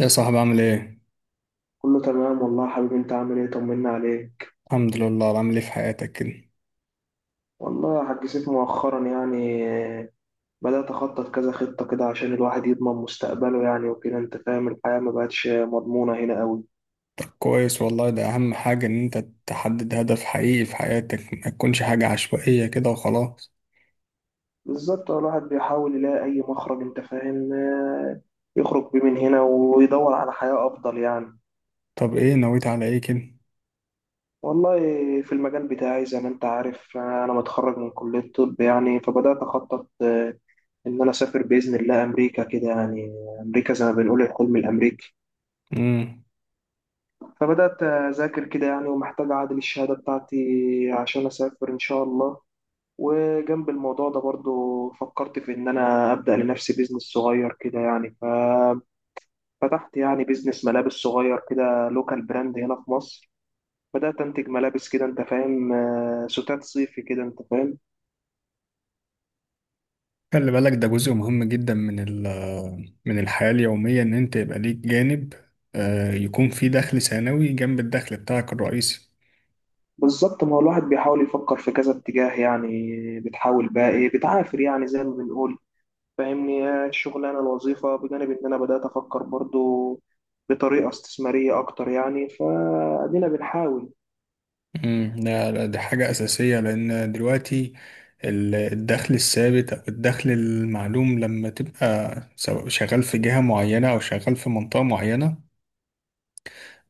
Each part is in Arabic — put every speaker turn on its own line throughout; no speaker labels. يا صاحبي، عامل ايه؟
كله تمام والله يا حبيبي. انت عامل ايه؟ طمنا عليك.
الحمد لله. عامل ايه في حياتك كده؟
والله يا حاج سيف مؤخرا يعني، بدأت أخطط كذا خطة كده عشان الواحد يضمن مستقبله يعني وكده انت فاهم. الحياة ما بقتش مضمونة هنا قوي.
طب كويس والله، ده أهم حاجة إن أنت تحدد هدف حقيقي في حياتك، ما تكونش حاجة عشوائية كده وخلاص.
بالظبط، الواحد بيحاول يلاقي أي مخرج، انت فاهم، يخرج بيه من هنا ويدور على حياة أفضل يعني.
طب ايه نويت على ايه كده؟
والله في المجال بتاعي زي ما انت عارف، أنا متخرج من كلية الطب يعني، فبدأت أخطط إن أنا أسافر بإذن الله أمريكا كده يعني. أمريكا زي ما بنقول الحلم الأمريكي.
مم.
فبدأت أذاكر كده يعني، ومحتاج أعادل الشهادة بتاعتي عشان أسافر إن شاء الله. وجنب الموضوع ده برضو فكرت في إن أنا أبدأ لنفسي بيزنس صغير كده يعني، ففتحت يعني بيزنس ملابس صغير كده، لوكال براند هنا في مصر. بدأت أنتج ملابس كده أنت فاهم، ستات صيفي كده أنت فاهم.
خلي بالك، ده جزء مهم جدا من الحياة اليومية، إن أنت يبقى ليك جانب يكون فيه دخل ثانوي جنب الدخل بتاعك الرئيسي.
بالظبط، ما هو الواحد بيحاول يفكر في كذا اتجاه يعني. بتحاول بقى إيه، بتعافر يعني زي ما بنقول. فاهمني، هي الشغلانة الوظيفة بجانب إن أنا بدأت أفكر برضو بطريقة استثمارية أكتر يعني، فأدينا بنحاول.
لا لا، دي حاجة أساسية، لأن دلوقتي الدخل الثابت أو الدخل المعلوم، لما تبقى سواء شغال في جهة معينة أو شغال في منطقة معينة،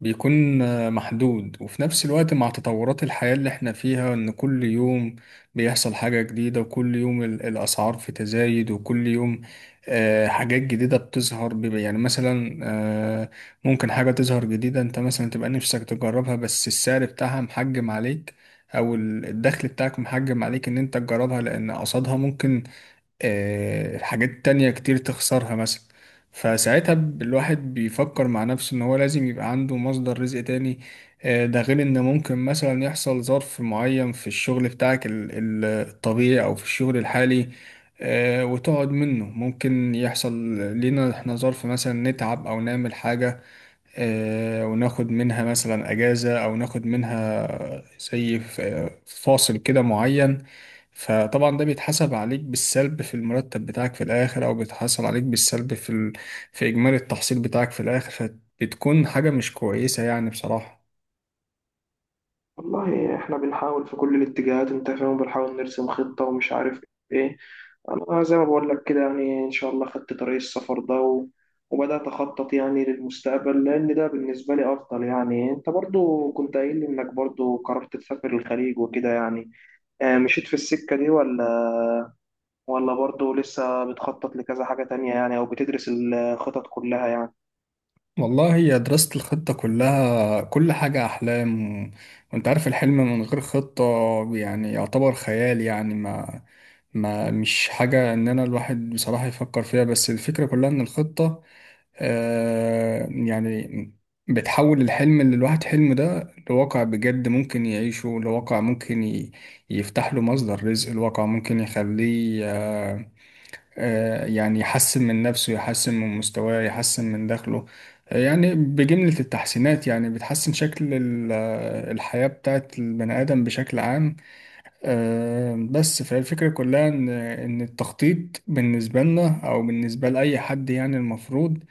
بيكون محدود، وفي نفس الوقت مع تطورات الحياة اللي احنا فيها، ان كل يوم بيحصل حاجة جديدة، وكل يوم الأسعار في تزايد، وكل يوم حاجات جديدة بتظهر. يعني مثلا ممكن حاجة تظهر جديدة انت مثلا تبقى نفسك تجربها، بس السعر بتاعها محجم عليك، او الدخل بتاعك محجم عليك ان انت تجربها، لان قصادها ممكن حاجات تانية كتير تخسرها مثلا. فساعتها الواحد بيفكر مع نفسه ان هو لازم يبقى عنده مصدر رزق تاني. ده غير ان ممكن مثلا يحصل ظرف معين في الشغل بتاعك الطبيعي، او في الشغل الحالي وتقعد منه. ممكن يحصل لينا احنا ظرف، مثلا نتعب او نعمل حاجة وناخد منها مثلا أجازة، أو ناخد منها زي فاصل كده معين. فطبعا ده بيتحسب عليك بالسلب في المرتب بتاعك في الآخر، أو بيتحسب عليك بالسلب في في إجمالي التحصيل بتاعك في الآخر. فبتكون حاجة مش كويسة يعني بصراحة.
والله إحنا بنحاول في كل الاتجاهات أنت فاهم، بنحاول نرسم خطة ومش عارف إيه. أنا زي ما بقول لك كده يعني، إن شاء الله خدت طريق السفر ده وبدأت أخطط يعني للمستقبل، لأن ده بالنسبة لي أفضل يعني. أنت برضو كنت قايل لي إنك برضو قررت تسافر الخليج وكده يعني، مشيت في السكة دي ولا برضه لسه بتخطط لكذا حاجة تانية يعني، أو بتدرس الخطط كلها يعني؟
والله هي دراسة الخطة كلها، كل حاجة أحلام، وأنت عارف الحلم من غير خطة يعني يعتبر خيال، يعني ما ما مش حاجة إن أنا الواحد بصراحة يفكر فيها، بس الفكرة كلها إن الخطة يعني بتحول الحلم اللي الواحد حلمه ده لواقع بجد ممكن يعيشه، لواقع ممكن يفتح له مصدر رزق، الواقع ممكن يخليه يعني يحسن من نفسه، يحسن من مستواه، يحسن من دخله، يعني بجملة التحسينات، يعني بتحسن شكل الحياة بتاعت البني آدم بشكل عام. بس، فالفكرة كلها إن التخطيط بالنسبة لنا أو بالنسبة لأي حد، يعني المفروض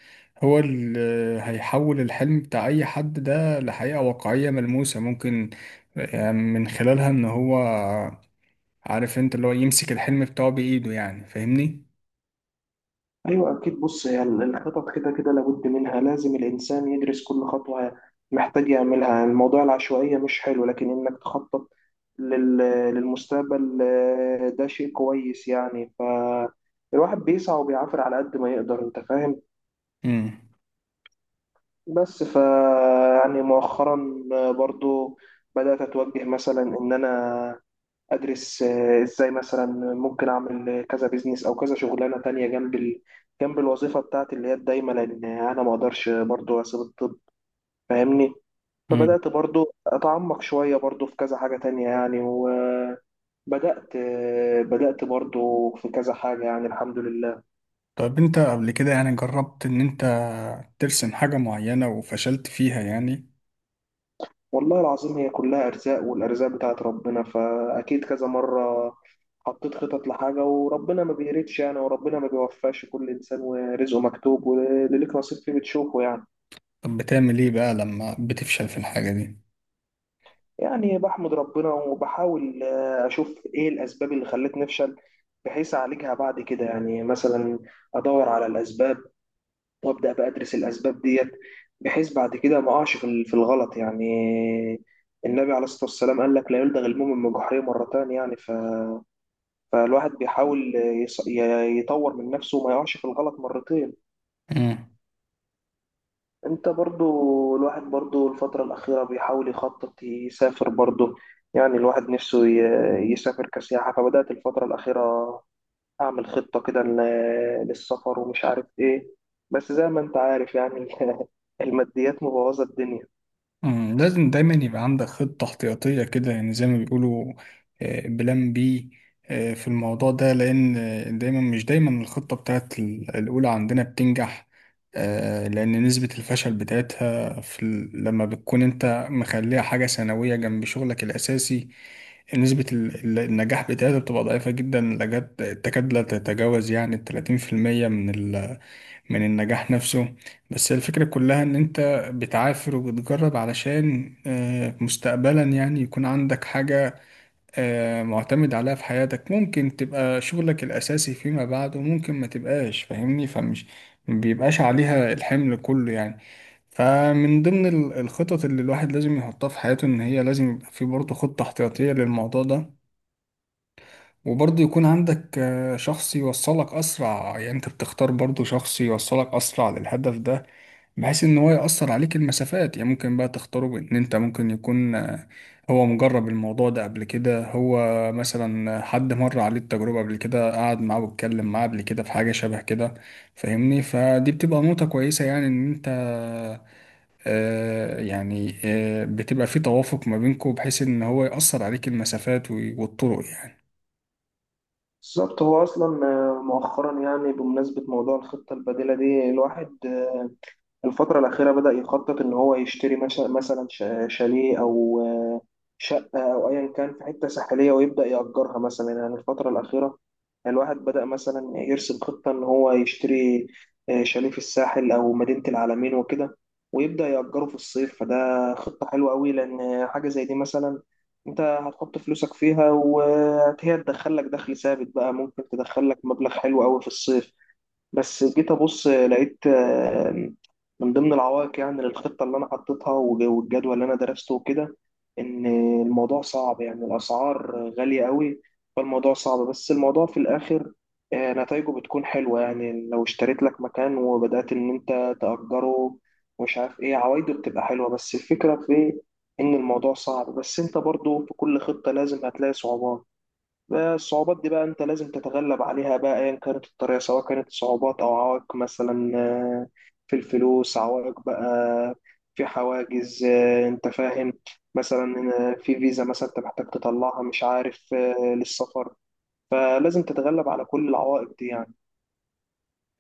هو اللي هيحول الحلم بتاع أي حد ده لحقيقة واقعية ملموسة، ممكن من خلالها، إن هو عارف أنت، اللي هو يمسك الحلم بتاعه بإيده، يعني فاهمني؟
أيوة أكيد. بص، هي الخطط كده كده لابد منها، لازم الإنسان يدرس كل خطوة محتاج يعملها. الموضوع العشوائية مش حلو، لكن إنك تخطط لل- للمستقبل، ده شيء كويس يعني. فالواحد بيسعى وبيعافر على قد ما يقدر أنت فاهم.
مم.
بس يعني مؤخرا برضه بدأت أتوجه مثلا إن أنا ادرس ازاي مثلا ممكن اعمل كذا بيزنس او كذا شغلانه تانية جنب جنب الوظيفه بتاعتي اللي هي الدايمه، لان انا ما اقدرش برضو اسيب الطب. فاهمني؟
مم.
فبدات برضو اتعمق شويه برضو في كذا حاجه تانية يعني، وبدات بدات برضو في كذا حاجه يعني، الحمد لله.
طب انت قبل كده يعني جربت ان انت ترسم حاجة معينة وفشلت فيها يعني؟
والله العظيم هي كلها ارزاق، والارزاق بتاعت ربنا. فاكيد كذا مره حطيت خطط لحاجة وربنا ما بيردش يعني، وربنا ما بيوفقش كل إنسان، ورزقه مكتوب، واللي ليك نصيب فيه بتشوفه يعني.
طب بتعمل ايه بقى لما بتفشل في الحاجة
يعني بحمد ربنا وبحاول أشوف إيه الأسباب اللي خلتني أفشل، بحيث أعالجها بعد كده يعني. مثلا أدور على الأسباب، وأبدأ بقى أدرس الأسباب ديت، بحيث بعد كده ما أقعش في في الغلط يعني. النبي عليه الصلاة والسلام قال لك لا يلدغ المؤمن من جحره مرتان يعني، فالواحد بيحاول يطور من نفسه وما يقعش في الغلط مرتين.
دي؟
انت برضو، الواحد برضو الفترة الأخيرة بيحاول يخطط يسافر برضو يعني. الواحد نفسه يسافر كسياحة. فبدأت الفترة الأخيرة أعمل خطة كده للسفر ومش عارف إيه. بس زي ما أنت عارف يعني الماديات مبوظة الدنيا.
لازم دايما يبقى عندك خطة احتياطية كده، يعني زي ما بيقولوا، بلان بي في الموضوع ده، لأن دايما مش دايما الخطة بتاعت الأولى عندنا بتنجح. لأن نسبة الفشل بتاعتها في لما بتكون أنت مخليها حاجة ثانوية جنب شغلك الأساسي، نسبة النجاح بتاعتها بتبقى ضعيفة جدا لجد، تكاد لا تتجاوز يعني 30% من من النجاح نفسه. بس الفكرة كلها ان انت بتعافر وبتجرب، علشان مستقبلا يعني يكون عندك حاجة معتمد عليها في حياتك، ممكن تبقى شغلك الاساسي فيما بعد وممكن ما تبقاش، فاهمني؟ فمش ما بيبقاش عليها الحمل كله يعني. فمن ضمن الخطط اللي الواحد لازم يحطها في حياته، ان هي لازم يبقى في برضه خطة احتياطية للموضوع ده. وبرضه يكون عندك شخص يوصلك أسرع، يعني أنت بتختار برضه شخص يوصلك أسرع للهدف ده، بحيث إن هو يأثر عليك المسافات، يعني ممكن بقى تختاره بإن أنت، ممكن يكون هو مجرب الموضوع ده قبل كده، هو مثلا حد مر عليه التجربة قبل كده، قعد معاه واتكلم معاه قبل كده في حاجة شبه كده، فاهمني؟ فدي بتبقى نقطة كويسة، يعني إن أنت يعني بتبقى في توافق ما بينكم، بحيث إن هو يأثر عليك المسافات والطرق يعني.
بالظبط، هو أصلا مؤخرا يعني، بمناسبة موضوع الخطة البديلة دي، الواحد الفترة الأخيرة بدأ يخطط إن هو يشتري مثلا شاليه أو شقة، أو أيا كان في حتة ساحلية ويبدأ يأجرها مثلا يعني. الفترة الأخيرة الواحد بدأ مثلا يرسم خطة إن هو يشتري شاليه في الساحل أو مدينة العلمين وكده، ويبدأ يأجره في الصيف. فده خطة حلوة أوي، لأن حاجة زي دي مثلا أنت هتحط فلوسك فيها، وهي تدخلك دخل ثابت بقى. ممكن تدخلك مبلغ حلو أوي في الصيف. بس جيت ابص لقيت من ضمن العوائق يعني للخطه اللي انا حطيتها والجدول اللي انا درسته وكده، ان الموضوع صعب يعني، الاسعار غاليه قوي. فالموضوع صعب، بس الموضوع في الاخر نتائجه بتكون حلوه يعني. لو اشتريت لك مكان وبدات ان انت تاجره ومش عارف ايه، عوايده بتبقى حلوه. بس الفكره في ان الموضوع صعب. بس انت برضو في كل خطه لازم هتلاقي صعوبات. الصعوبات دي بقى انت لازم تتغلب عليها، بقى ايا كانت الطريقة، سواء كانت صعوبات او عوائق. مثلا، في الفلوس عوائق بقى، في حواجز، انت فاهم. مثلا، في فيزا مثلا انت محتاج تطلعها، مش عارف، للسفر. فلازم تتغلب على كل العوائق دي يعني.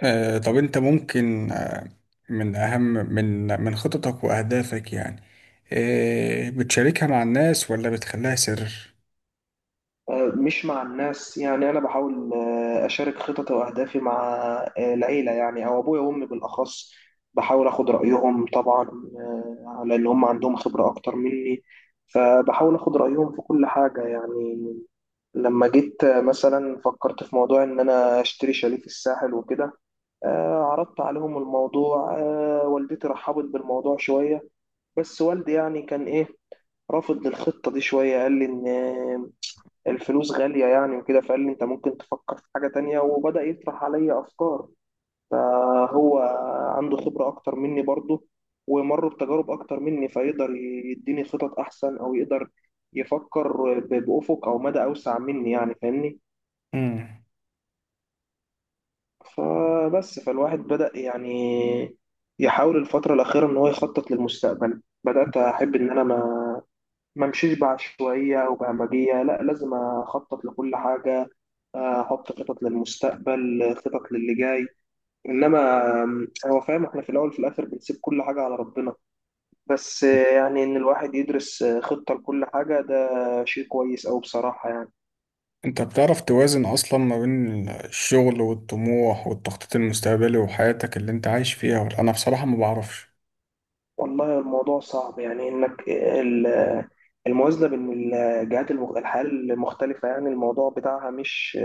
طب انت ممكن من اهم، من من خططك واهدافك، يعني بتشاركها مع الناس ولا بتخليها سر؟
مش مع الناس يعني. أنا بحاول أشارك خططي وأهدافي مع العيلة يعني، أو أبويا وأمي بالأخص. بحاول أخد رأيهم طبعا، على اللي هم عندهم خبرة أكتر مني. فبحاول أخد رأيهم في كل حاجة يعني. لما جيت مثلا فكرت في موضوع إن أنا أشتري شاليه في الساحل وكده، عرضت عليهم الموضوع. والدتي رحبت بالموضوع شوية، بس والدي يعني كان إيه، رافض للخطة دي شوية. قال لي إن الفلوس غالية يعني وكده. فقال لي انت ممكن تفكر في حاجة تانية، وبدأ يطرح عليا افكار. فهو عنده خبرة اكتر مني برضه، ومر بتجارب اكتر مني، فيقدر يديني خطط احسن، او يقدر يفكر بأفق او مدى اوسع مني يعني، فاهمني.
مم.
فبس، فالواحد بدأ يعني يحاول الفترة الأخيرة إن هو يخطط للمستقبل. بدأت أحب إن أنا ما امشيش بعشوائية أو بهمجية. لا، لازم أخطط لكل حاجة، أحط خطط للمستقبل، خطط للي جاي. إنما هو فاهم إحنا في الأول وفي الآخر بنسيب كل حاجة على ربنا. بس يعني إن الواحد يدرس خطة لكل حاجة ده شيء كويس أوي بصراحة يعني.
انت بتعرف توازن اصلا ما بين الشغل والطموح والتخطيط المستقبلي وحياتك اللي انت عايش فيها، ولا انا بصراحة ما بعرفش؟
والله الموضوع صعب يعني، إنك الموازنة بين الجهات الحياة المختلفة يعني، الموضوع بتاعها مش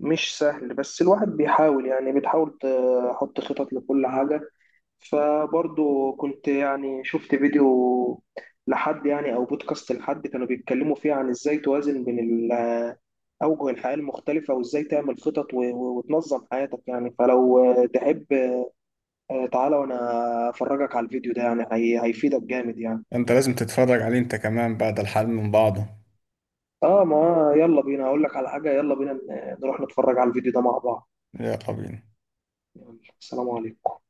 مش سهل. بس الواحد بيحاول يعني، بتحاول تحط خطط لكل حاجة. فبرضه كنت يعني شفت فيديو لحد يعني، أو بودكاست لحد كانوا بيتكلموا فيه عن إزاي توازن بين أوجه الحياة المختلفة، وإزاي تعمل خطط وتنظم حياتك يعني. فلو تحب، تعالى وأنا أفرجك على الفيديو ده، يعني هيفيدك جامد يعني.
انت لازم تتفرج عليه انت كمان بعد الحل من بعضه.
آه، ما يلا بينا. أقول لك على حاجة، يلا بينا نروح نتفرج على الفيديو ده مع بعض.
يلا بينا.
يلا، السلام عليكم.